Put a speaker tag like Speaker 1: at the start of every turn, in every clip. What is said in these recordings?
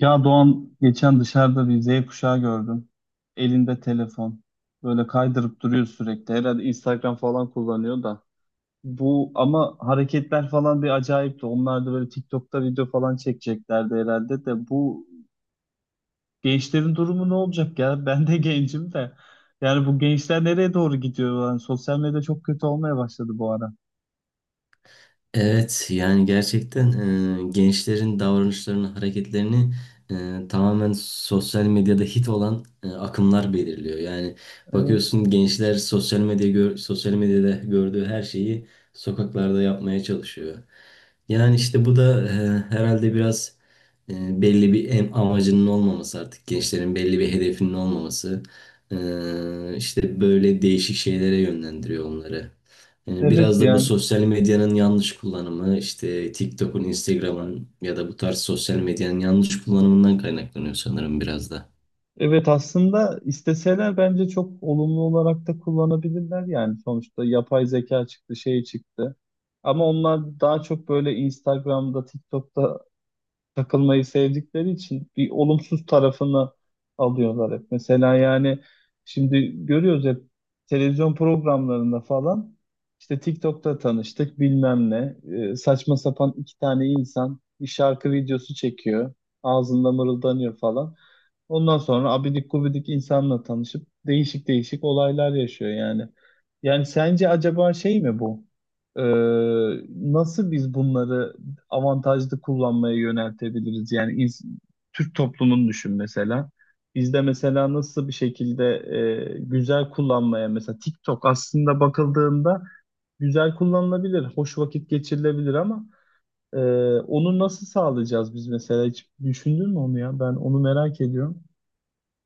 Speaker 1: Ya Doğan geçen dışarıda bir Z kuşağı gördüm. Elinde telefon. Böyle kaydırıp duruyor sürekli. Herhalde Instagram falan kullanıyor da. Bu ama hareketler falan bir acayipti. Onlar da böyle TikTok'ta video falan çekeceklerdi herhalde de. Bu gençlerin durumu ne olacak ya? Ben de gencim de. Yani bu gençler nereye doğru gidiyor? Yani sosyal medya çok kötü olmaya başladı bu ara.
Speaker 2: Evet yani gerçekten gençlerin davranışlarını, hareketlerini tamamen sosyal medyada hit olan akımlar belirliyor. Yani
Speaker 1: Evet.
Speaker 2: bakıyorsun gençler sosyal medyada gördüğü her şeyi sokaklarda yapmaya çalışıyor. Yani işte bu da herhalde biraz amacının olmaması, artık gençlerin belli bir hedefinin olmaması işte böyle değişik şeylere yönlendiriyor onları. Yani
Speaker 1: Evet
Speaker 2: biraz da bu
Speaker 1: yani.
Speaker 2: sosyal medyanın yanlış kullanımı, işte TikTok'un, Instagram'ın ya da bu tarz sosyal medyanın yanlış kullanımından kaynaklanıyor sanırım biraz da.
Speaker 1: Evet, aslında isteseler bence çok olumlu olarak da kullanabilirler yani sonuçta yapay zeka çıktı şey çıktı ama onlar daha çok böyle Instagram'da TikTok'ta takılmayı sevdikleri için bir olumsuz tarafını alıyorlar hep. Mesela yani şimdi görüyoruz hep televizyon programlarında falan işte TikTok'ta tanıştık bilmem ne. Saçma sapan iki tane insan bir şarkı videosu çekiyor, ağzında mırıldanıyor falan. Ondan sonra abidik gubidik insanla tanışıp değişik değişik olaylar yaşıyor yani. Yani sence acaba şey mi bu? Ee, Nasıl biz bunları avantajlı kullanmaya yöneltebiliriz? Yani Türk toplumunu düşün mesela. Bizde mesela nasıl bir şekilde güzel kullanmaya, mesela TikTok aslında bakıldığında güzel kullanılabilir, hoş vakit geçirilebilir ama e, onu nasıl sağlayacağız biz mesela? Hiç düşündün mü onu ya? Ben onu merak ediyorum.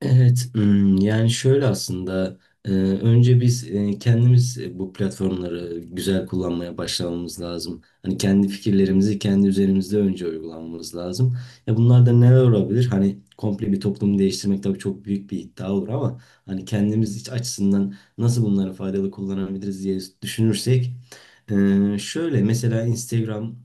Speaker 2: Evet, hmm, yani şöyle aslında önce biz kendimiz bu platformları güzel kullanmaya başlamamız lazım. Hani kendi fikirlerimizi kendi üzerimizde önce uygulamamız lazım. Ya bunlar da neler olabilir? Hani komple bir toplumu değiştirmek tabii çok büyük bir iddia olur ama hani kendimiz iç açısından nasıl bunları faydalı kullanabiliriz diye düşünürsek şöyle mesela Instagram,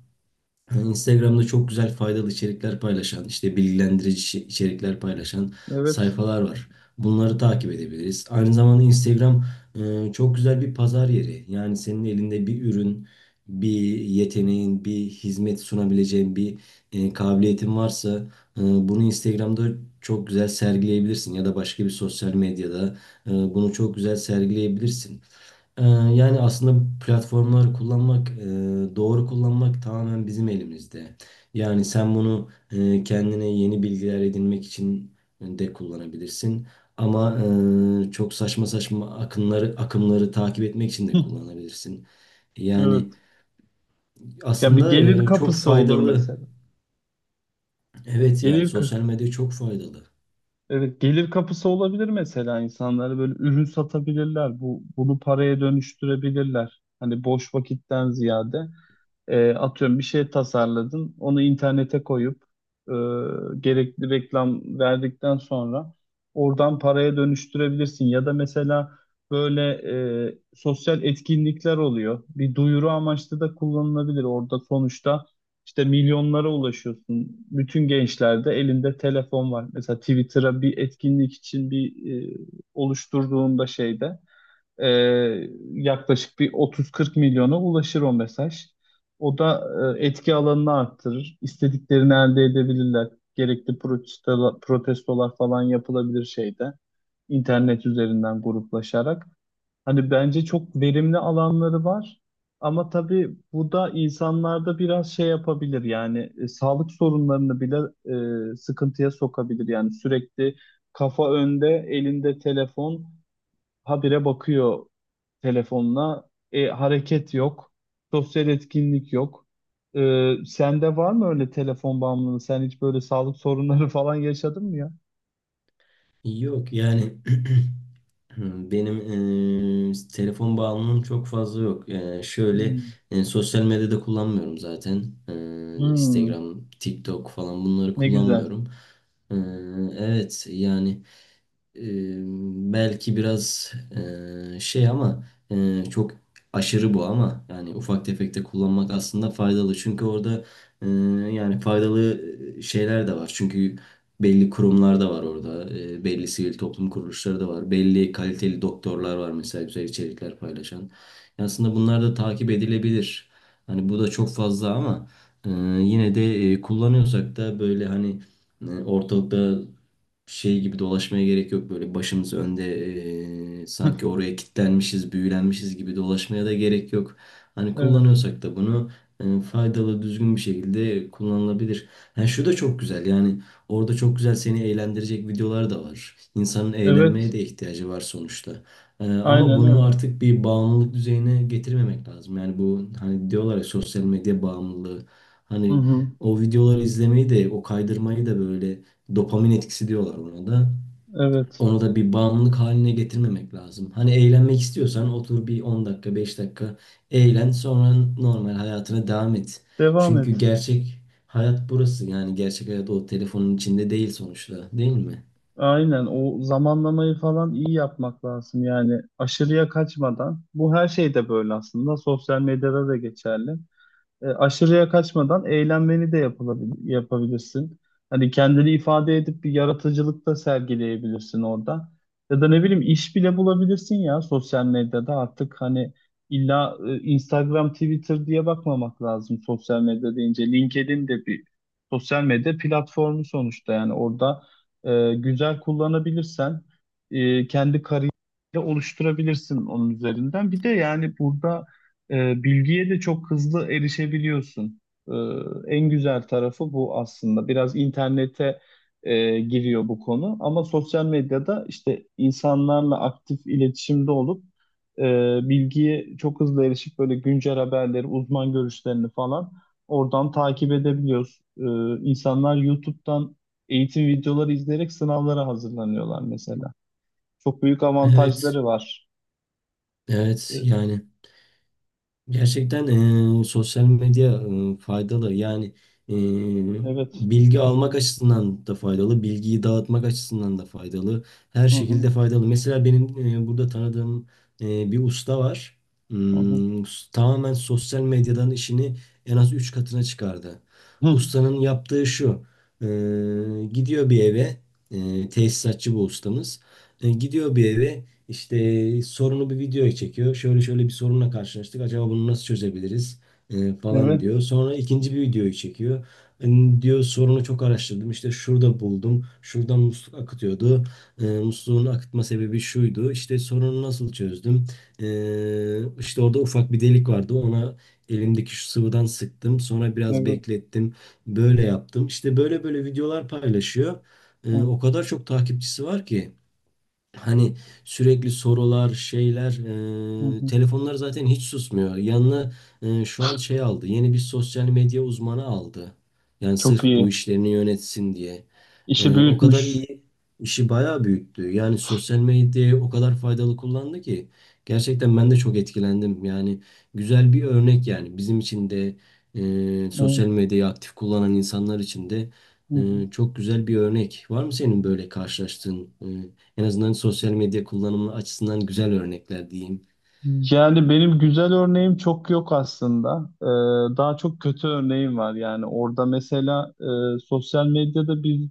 Speaker 2: yani Instagram'da çok güzel faydalı içerikler paylaşan, işte bilgilendirici içerikler paylaşan
Speaker 1: Evet.
Speaker 2: sayfalar var. Bunları takip edebiliriz. Aynı zamanda Instagram çok güzel bir pazar yeri. Yani senin elinde bir ürün, bir yeteneğin, bir hizmet sunabileceğin bir kabiliyetin varsa bunu Instagram'da çok güzel sergileyebilirsin ya da başka bir sosyal medyada bunu çok güzel sergileyebilirsin. Ee, Yani aslında bu platformları kullanmak, doğru kullanmak tamamen bizim elimizde. Yani sen bunu kendine yeni bilgiler edinmek için de kullanabilirsin. Ama çok saçma saçma akımları takip etmek için de
Speaker 1: Hı.
Speaker 2: kullanabilirsin.
Speaker 1: Evet.
Speaker 2: Yani
Speaker 1: Ya, bir
Speaker 2: aslında
Speaker 1: gelir
Speaker 2: çok
Speaker 1: kapısı olur
Speaker 2: faydalı.
Speaker 1: mesela.
Speaker 2: Evet yani
Speaker 1: Gelir ka-
Speaker 2: sosyal medya çok faydalı.
Speaker 1: Evet, gelir kapısı olabilir, mesela insanlara böyle ürün satabilirler. Bu bunu paraya dönüştürebilirler. Hani boş vakitten ziyade. Atıyorum bir şey tasarladın, onu internete koyup e, gerekli reklam verdikten sonra oradan paraya dönüştürebilirsin. Ya da mesela böyle sosyal etkinlikler oluyor. Bir duyuru amaçlı da kullanılabilir. Orada sonuçta işte milyonlara ulaşıyorsun. Bütün gençlerde elinde telefon var. Mesela Twitter'a bir etkinlik için bir oluşturduğunda şeyde. Ee, Yaklaşık bir 30-40 milyona ulaşır o mesaj. O da etki alanını arttırır. İstediklerini elde edebilirler. Gerekli protestolar falan yapılabilir şeyde. İnternet üzerinden gruplaşarak. Hani bence çok verimli alanları var. Ama tabii bu da insanlarda biraz şey yapabilir yani sağlık sorunlarını bile sıkıntıya sokabilir. Yani sürekli kafa önde, elinde telefon, habire bakıyor telefonuna. Hareket yok. Sosyal etkinlik yok. Sende var mı öyle telefon bağımlılığı? Sen hiç böyle sağlık sorunları falan yaşadın mı ya?
Speaker 2: Yok yani hmm, benim telefon bağımlılığım çok fazla yok. Şöyle
Speaker 1: Hmm.
Speaker 2: sosyal medyada kullanmıyorum zaten.
Speaker 1: Hmm.
Speaker 2: Instagram, TikTok falan bunları
Speaker 1: Ne güzel.
Speaker 2: kullanmıyorum. Eee, evet yani e, belki biraz şey ama çok aşırı bu, ama yani ufak tefek de kullanmak aslında faydalı. Çünkü orada e, yani faydalı şeyler de var. Çünkü belli kurumlar da var orada. E, belli sivil toplum kuruluşları da var. Belli kaliteli doktorlar var mesela güzel içerikler paylaşan. Yani aslında bunlar da takip edilebilir. Hani bu da çok fazla, ama e, yine de kullanıyorsak da böyle hani ortalıkta şey gibi dolaşmaya gerek yok. Böyle başımız önde sanki oraya kilitlenmişiz, büyülenmişiz gibi dolaşmaya da gerek yok. Hani
Speaker 1: Evet.
Speaker 2: kullanıyorsak da bunu faydalı, düzgün bir şekilde kullanılabilir. Yani şu da çok güzel. Yani orada çok güzel seni eğlendirecek videolar da var. İnsanın eğlenmeye
Speaker 1: Evet.
Speaker 2: de ihtiyacı var sonuçta. Ama
Speaker 1: Aynen
Speaker 2: bunu
Speaker 1: öyle.
Speaker 2: artık bir bağımlılık düzeyine getirmemek lazım. Yani bu hani diyorlar ya, sosyal medya bağımlılığı.
Speaker 1: Hı
Speaker 2: Hani
Speaker 1: hı.
Speaker 2: o videoları izlemeyi de, o kaydırmayı da böyle dopamin etkisi diyorlar ona da.
Speaker 1: Evet.
Speaker 2: Onu da bir bağımlılık haline getirmemek lazım. Hani eğlenmek istiyorsan otur bir 10 dakika, 5 dakika eğlen, sonra normal hayatına devam et.
Speaker 1: Devam et.
Speaker 2: Çünkü gerçek hayat burası. Yani gerçek hayat o telefonun içinde değil sonuçta, değil mi?
Speaker 1: Aynen. O zamanlamayı falan iyi yapmak lazım. Yani aşırıya kaçmadan. Bu her şeyde böyle aslında. Sosyal medyada da geçerli. Aşırıya kaçmadan eğlenmeni de yapabilirsin. Hani kendini ifade edip bir yaratıcılık da sergileyebilirsin orada. Ya da ne bileyim iş bile bulabilirsin ya, sosyal medyada artık hani illa Instagram, Twitter diye bakmamak lazım sosyal medya deyince. LinkedIn de bir sosyal medya platformu sonuçta, yani orada güzel kullanabilirsen kendi kariyerini oluşturabilirsin onun üzerinden. Bir de yani burada bilgiye de çok hızlı erişebiliyorsun. E, En güzel tarafı bu aslında. Biraz internete giriyor bu konu ama sosyal medyada işte insanlarla aktif iletişimde olup e, bilgiye çok hızlı erişip böyle güncel haberleri, uzman görüşlerini falan oradan takip edebiliyoruz. İnsanlar YouTube'dan eğitim videoları izleyerek sınavlara hazırlanıyorlar mesela. Çok büyük
Speaker 2: Evet.
Speaker 1: avantajları var.
Speaker 2: Evet
Speaker 1: E,
Speaker 2: yani gerçekten sosyal medya faydalı. Yani eee,
Speaker 1: evet.
Speaker 2: bilgi almak açısından da faydalı, bilgiyi dağıtmak açısından da faydalı. Her
Speaker 1: Hı hı,
Speaker 2: şekilde faydalı. Mesela benim burada tanıdığım bir usta var.
Speaker 1: hı hı.
Speaker 2: Hmm, tamamen sosyal medyadan işini en az 3 katına çıkardı.
Speaker 1: Hı.
Speaker 2: Ustanın yaptığı şu: gidiyor bir eve, tesisatçı bu ustamız. Gidiyor bir eve, işte sorunu bir videoya çekiyor. Şöyle şöyle bir sorunla karşılaştık. Acaba bunu nasıl çözebiliriz? E, falan
Speaker 1: Evet,
Speaker 2: diyor. Sonra ikinci bir videoyu çekiyor. Hani diyor sorunu çok araştırdım. İşte şurada buldum. Şuradan musluk akıtıyordu. E, musluğun akıtma sebebi şuydu. İşte sorunu nasıl çözdüm? E, işte orada ufak bir delik vardı. Ona elimdeki şu sıvıdan sıktım. Sonra biraz
Speaker 1: evet.
Speaker 2: beklettim. Böyle yaptım. İşte böyle böyle videolar paylaşıyor. E,
Speaker 1: Hı,
Speaker 2: o kadar çok takipçisi var ki! Hani sürekli sorular, şeyler,
Speaker 1: hı, hı.
Speaker 2: telefonlar zaten hiç susmuyor. Yanına şu an şey aldı, yeni bir sosyal medya uzmanı aldı. Yani
Speaker 1: Çok
Speaker 2: sırf bu
Speaker 1: iyi.
Speaker 2: işlerini yönetsin diye.
Speaker 1: İşi
Speaker 2: O kadar
Speaker 1: büyütmüş.
Speaker 2: iyi, işi bayağı büyüttü. Yani sosyal medyayı o kadar faydalı kullandı ki. Gerçekten ben de çok etkilendim. Yani güzel bir örnek yani. Bizim için de sosyal
Speaker 1: Evet,
Speaker 2: medyayı aktif kullanan insanlar için de
Speaker 1: hı, hı.
Speaker 2: çok güzel bir örnek. Var mı senin böyle karşılaştığın? En azından sosyal medya kullanımı açısından güzel örnekler diyeyim.
Speaker 1: Yani benim güzel örneğim çok yok aslında. Daha çok kötü örneğim var. Yani orada mesela sosyal medyada biz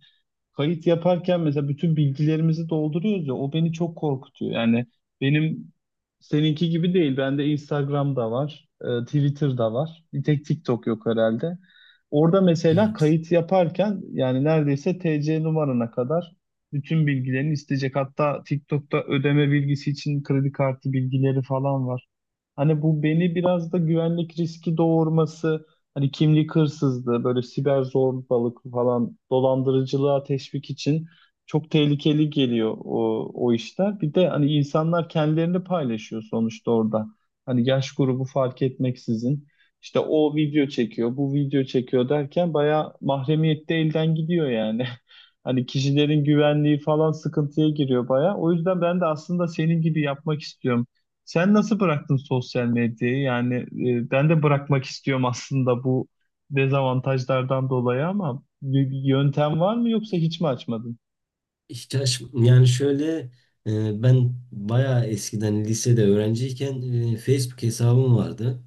Speaker 1: kayıt yaparken mesela bütün bilgilerimizi dolduruyoruz ya, o beni çok korkutuyor. Yani benim seninki gibi değil. Bende Instagram'da var, Twitter'da var. Bir tek TikTok yok herhalde. Orada mesela
Speaker 2: Evet.
Speaker 1: kayıt yaparken yani neredeyse TC numarana kadar bütün bilgilerini isteyecek. Hatta TikTok'ta ödeme bilgisi için kredi kartı bilgileri falan var. Hani bu beni biraz da güvenlik riski doğurması. Hani kimlik hırsızlığı, böyle siber zorbalık falan, dolandırıcılığa teşvik için çok tehlikeli geliyor o işler. Bir de hani insanlar kendilerini paylaşıyor sonuçta orada. Hani yaş grubu fark etmeksizin. İşte o video çekiyor, bu video çekiyor derken bayağı mahremiyette elden gidiyor yani. Hani kişilerin güvenliği falan sıkıntıya giriyor bayağı. O yüzden ben de aslında senin gibi yapmak istiyorum. Sen nasıl bıraktın sosyal medyayı? Yani ben de bırakmak istiyorum aslında bu dezavantajlardan dolayı ama bir yöntem var mı yoksa hiç mi açmadın?
Speaker 2: İhtiyaç yani şöyle, ben bayağı eskiden lisede öğrenciyken Facebook hesabım vardı.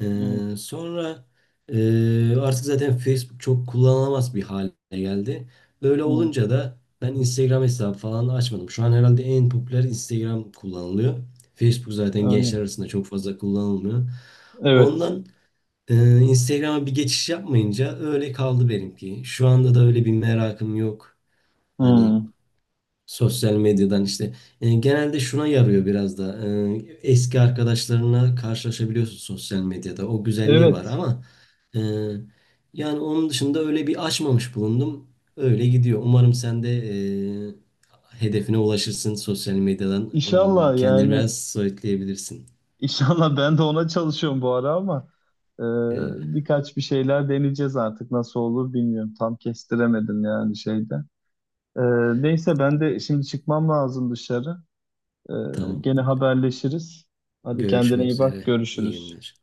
Speaker 1: Hı,
Speaker 2: Sonra artık zaten Facebook çok kullanılamaz bir hale geldi. Öyle
Speaker 1: hı,
Speaker 2: olunca da ben Instagram hesabı falan açmadım. Şu an herhalde en popüler Instagram kullanılıyor. Facebook zaten gençler
Speaker 1: anladım.
Speaker 2: arasında çok fazla kullanılmıyor.
Speaker 1: Evet.
Speaker 2: Ondan Instagram'a bir geçiş yapmayınca öyle kaldı benimki. Şu anda da öyle bir merakım yok. Hani
Speaker 1: Hı.
Speaker 2: sosyal medyadan işte. Genelde şuna yarıyor biraz da. Eski arkadaşlarına karşılaşabiliyorsun sosyal medyada. O güzelliği var
Speaker 1: Evet.
Speaker 2: ama e, yani onun dışında öyle bir açmamış bulundum. Öyle gidiyor. Umarım sen de e, hedefine ulaşırsın sosyal medyadan.
Speaker 1: İnşallah
Speaker 2: E, kendini
Speaker 1: yani.
Speaker 2: biraz soyutlayabilirsin.
Speaker 1: inşallah ben de ona çalışıyorum bu ara ama e,
Speaker 2: E,
Speaker 1: birkaç bir şeyler deneyeceğiz, artık nasıl olur bilmiyorum. Tam kestiremedim yani şeyde. E, Neyse, ben de şimdi çıkmam lazım dışarı. Ee,
Speaker 2: tamam.
Speaker 1: Gene haberleşiriz. Hadi kendine
Speaker 2: Görüşmek
Speaker 1: iyi bak,
Speaker 2: üzere. İyi
Speaker 1: görüşürüz.
Speaker 2: günler.